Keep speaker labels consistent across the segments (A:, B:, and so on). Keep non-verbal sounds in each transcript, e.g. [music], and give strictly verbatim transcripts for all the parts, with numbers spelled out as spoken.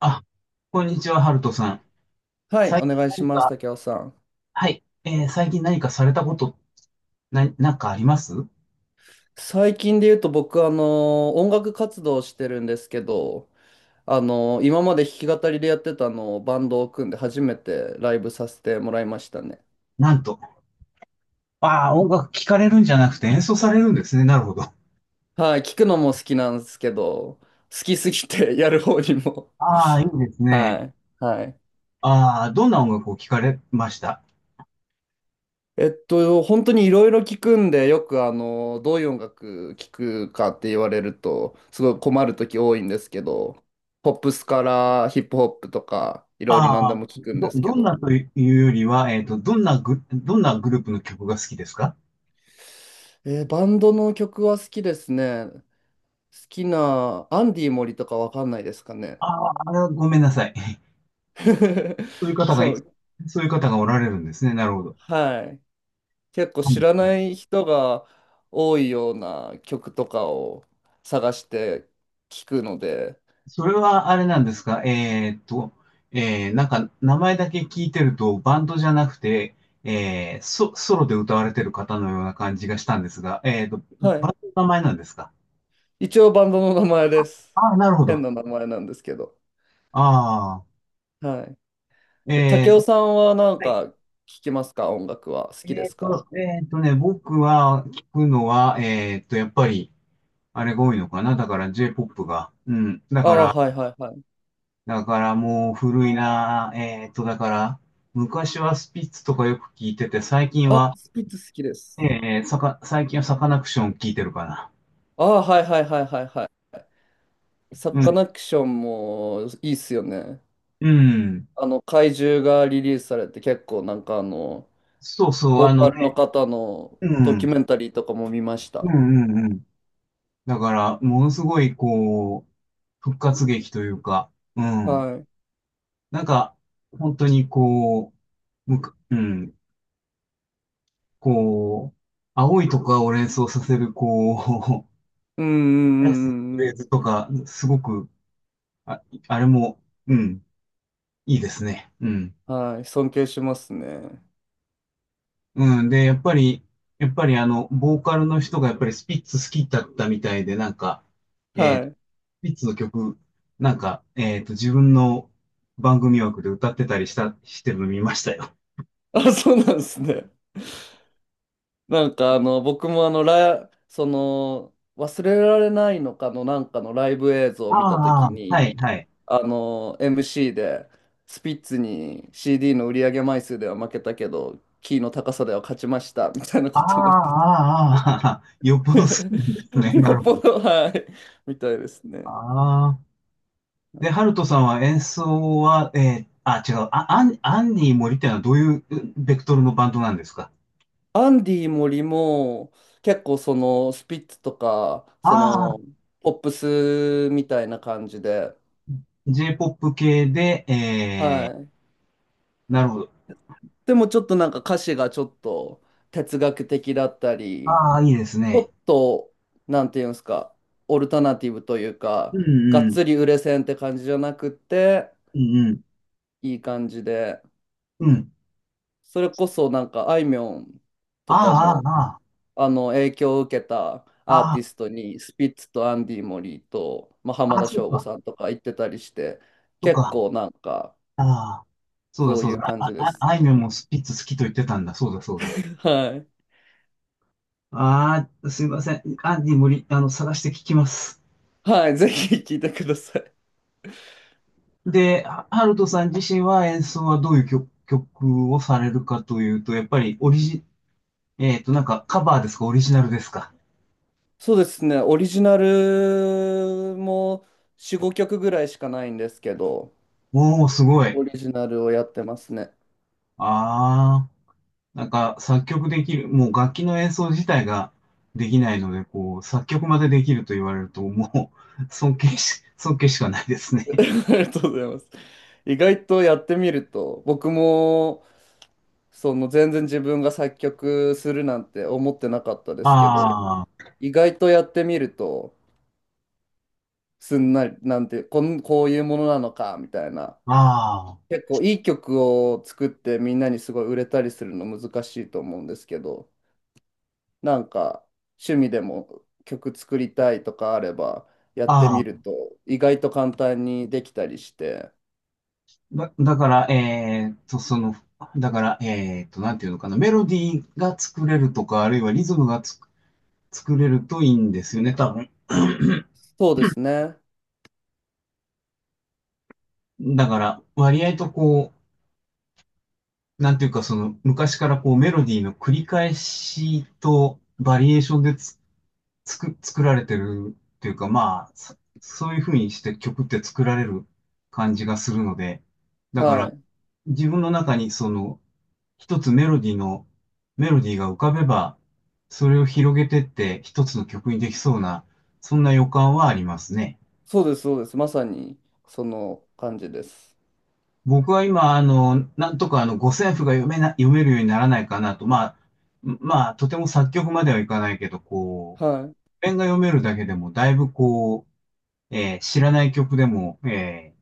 A: あ、こんにちは、ハルトさん。
B: はい、
A: 最
B: お
A: 近
B: 願いし
A: 何
B: ます、
A: か、
B: 竹雄さん。
A: はい、えー最近何かされたこと、な、なんかあります？
B: 最近で言うと僕、あの、音楽活動をしてるんですけど、あの、今まで弾き語りでやってたのをバンドを組んで初めてライブさせてもらいましたね。
A: なんと。ああ、音楽聴かれるんじゃなくて演奏されるんですね。なるほど。
B: はい、聞くのも好きなんですけど、好きすぎて [laughs] やる方にも。
A: ああ、いいです
B: は
A: ね。
B: い、はい。
A: ああ、どんな音楽を聴かれました？
B: えっと、本当にいろいろ聞くんで、よくあの、どういう音楽聞くかって言われると、すごい困る時多いんですけど、ポップスからヒップホップとか、いろいろ何
A: あ
B: で
A: あ、
B: も聞くん
A: ど、
B: ですけ
A: どんな
B: ど、
A: というよりは、えっと、どんなグ、どんなグループの曲が好きですか？
B: えーバンドの曲は好きですね。好きな、アンディ森とかわかんないですかね。
A: ああ、ごめんなさい。[laughs]
B: [laughs]
A: そういう方が
B: そ
A: い、
B: う、
A: そういう方がおられるんですね。なるほど。
B: はい。結構
A: は
B: 知
A: い。
B: らない人が多いような曲とかを探して聞くので、
A: それはあれなんですか？えーっと、えー、なんか名前だけ聞いてるとバンドじゃなくて、えー、ソ、ソロで歌われてる方のような感じがしたんですが、えーっと、
B: は
A: バ
B: い、
A: ンドの名前なんですか？
B: 一応バンドの名前です。
A: ああー、なるほ
B: 変
A: ど。
B: な名前なんですけど。
A: ああ、
B: はい。で、
A: え
B: 竹雄
A: ー、
B: さんはなん
A: はい。
B: か聞きますか音楽は。好
A: え
B: きで
A: ーっ
B: すか？
A: と、えーっとね、僕は聞くのは、えーっと、やっぱり、あれが多いのかな。だから J-ジェイポップ が。うん。だ
B: あ
A: か
B: あ、
A: ら、
B: はいはいはい。
A: だからもう古いな。えーっと、だから、昔はスピッツとかよく聞いてて、最近
B: ああ、好
A: は、
B: きです好きです。
A: ええ、さか、最近はサカナクション聞いてるかな。
B: ああ、はいはいはいはいはい。サ
A: う
B: カ
A: ん。
B: ナクションもいいっすよね。
A: うん。
B: あの、怪獣がリリースされて結構なんかあの、
A: そうそう、
B: ボ
A: あ
B: ー
A: の
B: カルの
A: ね。
B: 方の
A: う
B: ドキ
A: ん。
B: ュメンタリーとかも見まし
A: う
B: た。
A: んうんうん。だから、ものすごい、こう、復活劇というか、うん。
B: はい。
A: なんか、本当にこう、むか、うん。こう、青いとかを連想させる、こう、
B: うんうんう
A: [laughs] フ
B: んう
A: レー
B: ん
A: ズとか、すごく、あ、あれも、うん、いいですね。うん。
B: うん。はい。尊敬しますね。
A: うん。で、やっぱり、やっぱりあの、ボーカルの人がやっぱりスピッツ好きだったみたいで、なんか、えー
B: はい。
A: スピッツの曲、なんか、えっと、自分の番組枠で歌ってたりした、してるの見ましたよ。
B: あ、そうなんですね。なんかあの、僕もあの、ラ、その、忘れられないのかのなんかのライブ映像
A: あ
B: を見たとき
A: あ、は
B: に、
A: い、はい。
B: あの、エムシー で、スピッツに シーディー の売り上げ枚数では負けたけど、キーの高さでは勝ちました、みたいな
A: ああ、
B: ことも言ってて。
A: ああ、ああ、[laughs] よっぽ
B: [laughs]
A: ど好きなんですね。[laughs] な
B: よ
A: る
B: っ
A: ほ
B: ぽ
A: ど。
B: ど、はい、みたいです
A: あ
B: ね。
A: あ。で、ハルトさんは演奏は、えー、あ、違う、あ、アン、アンニー森っていうのはどういううベクトルのバンドなんですか？
B: アンディ森も、結構その、スピッツとか、そ
A: あ
B: の、
A: あ
B: ポップスみたいな感じで、
A: ー、J-ジェイポップ 系で、え
B: はい。
A: ー、なるほど。
B: でもちょっとなんか歌詞がちょっと哲学的だったり、
A: ああ、いいです
B: ちょっ
A: ね。
B: と、なんていうんですか、オルタナティブという
A: う
B: か、がっ
A: んうん。
B: つり売れ線って感じじゃなくって、
A: うんうん。
B: いい感じで、
A: うん。
B: それこそなんかあいみょんとか
A: あ
B: も、
A: あ、ああ、
B: あの、影響を受けたアー
A: あ
B: ティ
A: あ、
B: ストに、スピッツとアンディ・モリーと、まあ、浜
A: ああ、
B: 田
A: そっ
B: 省吾
A: か。
B: さんとか行ってたりして、
A: そっ
B: 結
A: か。
B: 構なんか、
A: ああ。そうだ
B: そう
A: そ
B: い
A: う
B: う
A: だ。
B: 感
A: あ、
B: じで
A: あ、
B: す
A: あいみょん
B: ね。
A: もスピッツ好きと言ってたんだ。そうだそうだ。
B: [laughs] はい。
A: ああ、すいません。アンディ無理、あの、探して聞きます。
B: はい、ぜひ聞いてください。
A: で、ハハルトさん自身は演奏はどういう曲、曲をされるかというと、やっぱりオリジ、えっと、なんかカバーですか、オリジナルですか？
B: そうですね、オリジナルもよん、ごきょくぐらいしかないんですけど、
A: おー、すごい。
B: オリジナルをやってますね。
A: ああ。なんか作曲できる、もう楽器の演奏自体ができないので、こう、作曲までできると言われると、もう [laughs] 尊敬し、尊敬しかないです
B: [laughs] あ
A: ね。
B: りがとうございます。意外とやってみると、僕もその全然自分が作曲するなんて思ってなかったですけど、
A: あ
B: 意外とやってみると、すんなり、なんて、こん、こういうものなのか、みたいな。
A: あ、あ
B: 結構いい曲を作ってみんなにすごい売れたりするの難しいと思うんですけど、なんか趣味でも曲作りたいとかあればやって
A: あ、
B: み
A: あ
B: る
A: あ。
B: と意外と簡単にできたりして。
A: だ、だから、えーっと、その、だから、えーっと、なんていうのかな、メロディーが作れるとか、あるいはリズムがつ作れるといいんですよね、多分。
B: そうですね。
A: だから、割合とこう、なんていうか、その、昔からこう、メロディーの繰り返しとバリエーションでつつく、作られてるっていうか、まあ、そそういうふうにして曲って作られる感じがするので、だか
B: は
A: ら
B: い。
A: 自分の中にその一つメロディーの、メロディーが浮かべば、それを広げてって一つの曲にできそうな、そんな予感はありますね。
B: そうです、そうです。まさにその感じです。
A: 僕は今、あの、なんとかあの、五線譜が読めな、読めるようにならないかなと、まあ、まあ、とても作曲まではいかないけど、こう、
B: はい。
A: 譜面が読めるだけでも、だいぶこう、えー知らない曲でも、えー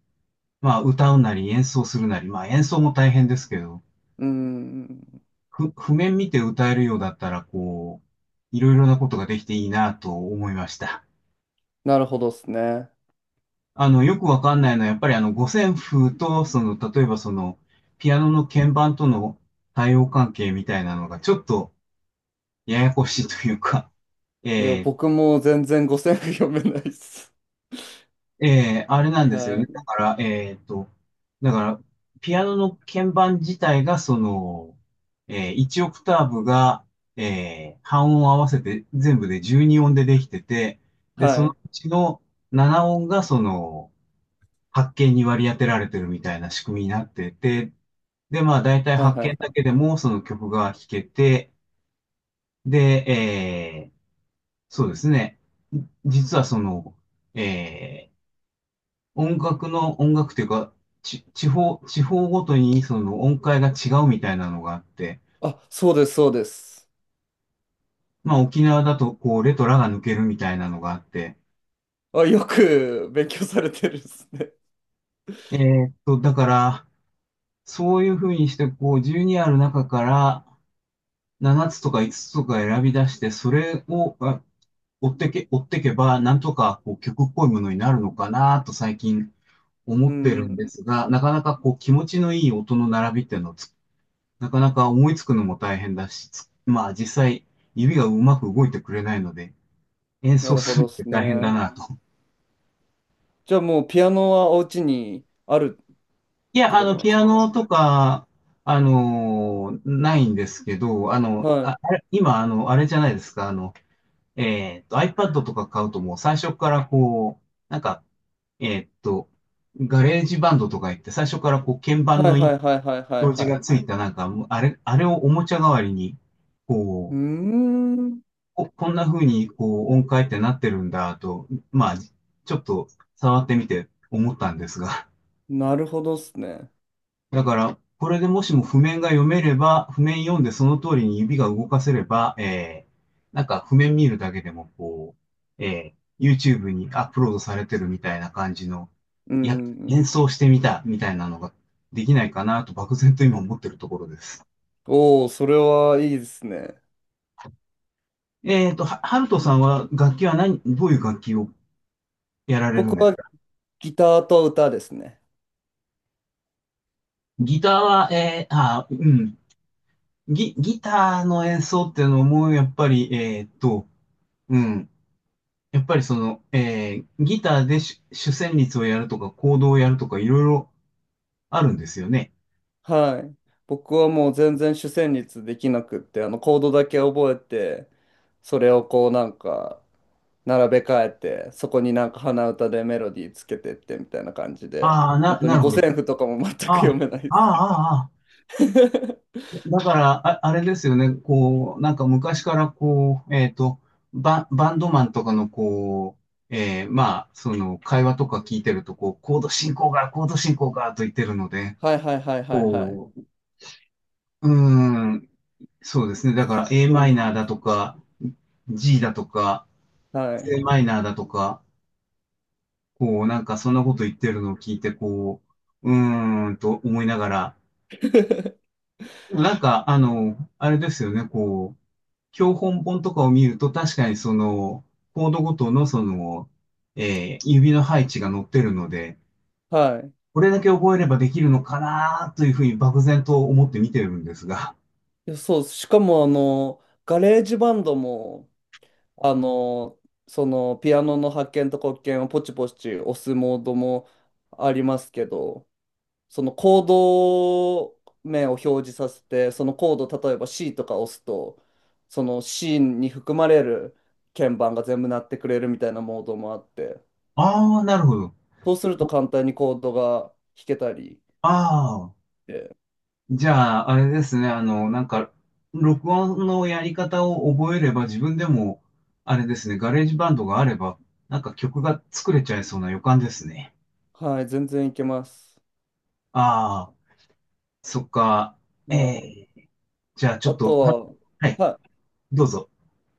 A: まあ、歌うなり演奏するなり、まあ、演奏も大変ですけど、
B: うん。
A: ふ、譜面見て歌えるようだったら、こう、いろいろなことができていいなと思いました。
B: なるほどですね。
A: あの、よくわかんないのは、やっぱりあの、五線譜と、その、例えばその、ピアノの鍵盤との対応関係みたいなのが、ちょっとややこしいというか、
B: いや、
A: えー
B: 僕も全然五線譜読めないです。
A: ええあれなんですよ
B: は
A: ね。だ
B: い。
A: から、えーっと、だから、ピアノの鍵盤自体が、その、えー、いちオクターブが、えー、半音合わせて全部でじゅうに音でできてて、で、そ
B: は
A: の
B: い。
A: うちのなな音が、その、はち鍵に割り当てられてるみたいな仕組みになってて、で、まあ、だいたい
B: はいはい
A: 鍵
B: は
A: だ
B: い。
A: けでも、その曲が弾けて、で、えー、そうですね。実はその、えー音楽の、音楽というか、ち、地方、地方ごとにその音階が違うみたいなのがあって、
B: あ、そうです、そうです。
A: まあ沖縄だとこうレとラが抜けるみたいなのがあって、
B: あ、よく勉強されてるですね。
A: えーっと、だから、そういうふうにしてこうじゅうにある中からななつとかいつつつとか選び出して、それをあ追ってけ、追ってけば、なんとかこう曲っぽいものになるのかなと最近思
B: う
A: ってるんで
B: ん。
A: すが、なかなかこう気持ちのいい音の並びっていうのをなかなか思いつくのも大変だし、つまあ実際指がうまく動いてくれないので、演
B: な
A: 奏
B: るほ
A: する
B: ど
A: の
B: で
A: って
B: す
A: 大変だ
B: ね。
A: なと。
B: じゃあもうピアノはお家にあるっ
A: い
B: て
A: や、あ
B: こと
A: の、
B: なんで
A: ピ
B: す
A: ア
B: かね。
A: ノとか、あの、ないんですけど、あの、
B: はい。
A: あ、あれ、今、あの、あれじゃないですか、あの、えっと、iPad とか買うともう最初からこう、なんか、えっと、ガレージバンドとか言って最初からこう鍵盤
B: は
A: の
B: い
A: 表
B: はいはいはいはい
A: 示
B: は
A: がつ
B: い。
A: いたなんか、あれ、あれをおもちゃ代わりに、
B: うー
A: こう、
B: ん。
A: こ、こんな風にこう音階ってなってるんだと、まあ、ちょっと触ってみて思ったんですが。
B: なるほどっすね。
A: だから、これでもしも譜面が読めれば、譜面読んでその通りに指が動かせれば、えー、なんか譜面見るだけでもこう、えー、YouTube にアップロードされてるみたいな感じの、
B: う
A: いや、
B: ん。
A: 演奏してみたみたいなのができないかなと漠然と今思ってるところです。
B: おお、それはいいですね。
A: えっと、は、ハルトさんは楽器は何、どういう楽器をやられる
B: 僕
A: んです
B: は
A: か？
B: ギターと歌ですね。
A: ギターは、えー、あ、うん。ギ、ギターの演奏っていうのも、やっぱり、えーっと、うん。やっぱりその、えー、ギターで主、主旋律をやるとか、コードをやるとか、いろいろあるんですよね。
B: はい。僕はもう全然主旋律できなくって、あのコードだけ覚えて、それをこうなんか並べ替えて、そこになんか鼻歌でメロディーつけてってみたいな感じで、
A: ああ、
B: 本
A: な、
B: 当
A: な
B: に
A: る
B: 五
A: ほ
B: 線
A: ど。
B: 譜とかも全く
A: あ
B: 読
A: あ、
B: めないで
A: あ
B: す。
A: あ、ああ。
B: [laughs]
A: だから、あ、あれですよね。こう、なんか昔からこう、えっと、バ、バンドマンとかのこう、えー、まあ、その、会話とか聞いてると、こう、コード進行が、コード進行が、と言ってるので、
B: はいはいはいはいはい。
A: うーん、そうですね。だから A
B: う
A: マイ
B: ん。
A: ナーだとか、G だとか、
B: はい。
A: C マイナーだとか、こう、なんかそんなこと言ってるのを聞いて、こう、うーんと思いながら、
B: [laughs]
A: なんか、あの、あれですよね、こう、教本本とかを見ると、確かにその、コードごとのその、えー指の配置が載ってるので、
B: はい。
A: これだけ覚えればできるのかなというふうに漠然と思って見てるんですが、
B: いやそうしかも、あの、ガレージバンドも、あの、その、ピアノの発見と黒鍵をポチポチ押すモードもありますけど、そのコード名を表示させて、そのコード、例えば C とか押すと、その C に含まれる鍵盤が全部鳴ってくれるみたいなモードもあって、
A: ああ、なるほど。
B: そうすると簡単にコードが弾けたり
A: ああ。
B: して。
A: じゃあ、あれですね。あの、なんか、録音のやり方を覚えれば自分でも、あれですね。ガレージバンドがあれば、なんか曲が作れちゃいそうな予感ですね。
B: はい、全然いけます。
A: ああ、そっか。え
B: はい。
A: え、じゃあちょ
B: あ
A: っと、は
B: と
A: はい、
B: は、は
A: どうぞ。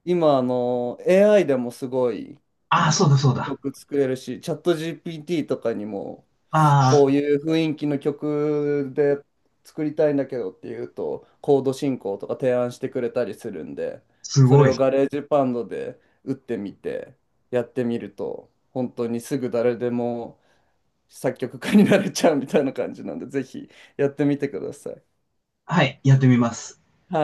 B: い、今、あの、エーアイ でもすごい
A: ああ、そうだそうだ。
B: 曲作れるし、チャット ジーピーティー とかにも、
A: あ
B: こう
A: あ、
B: いう雰囲気の曲で作りたいんだけどっていうと、コード進行とか提案してくれたりするんで、
A: す
B: そ
A: ご
B: れ
A: い。
B: をガレージバンドで打ってみて、やってみると、本当にすぐ誰でも作曲家になれちゃうみたいな感じなんで、ぜひやってみてください。
A: はい、やってみます。
B: はい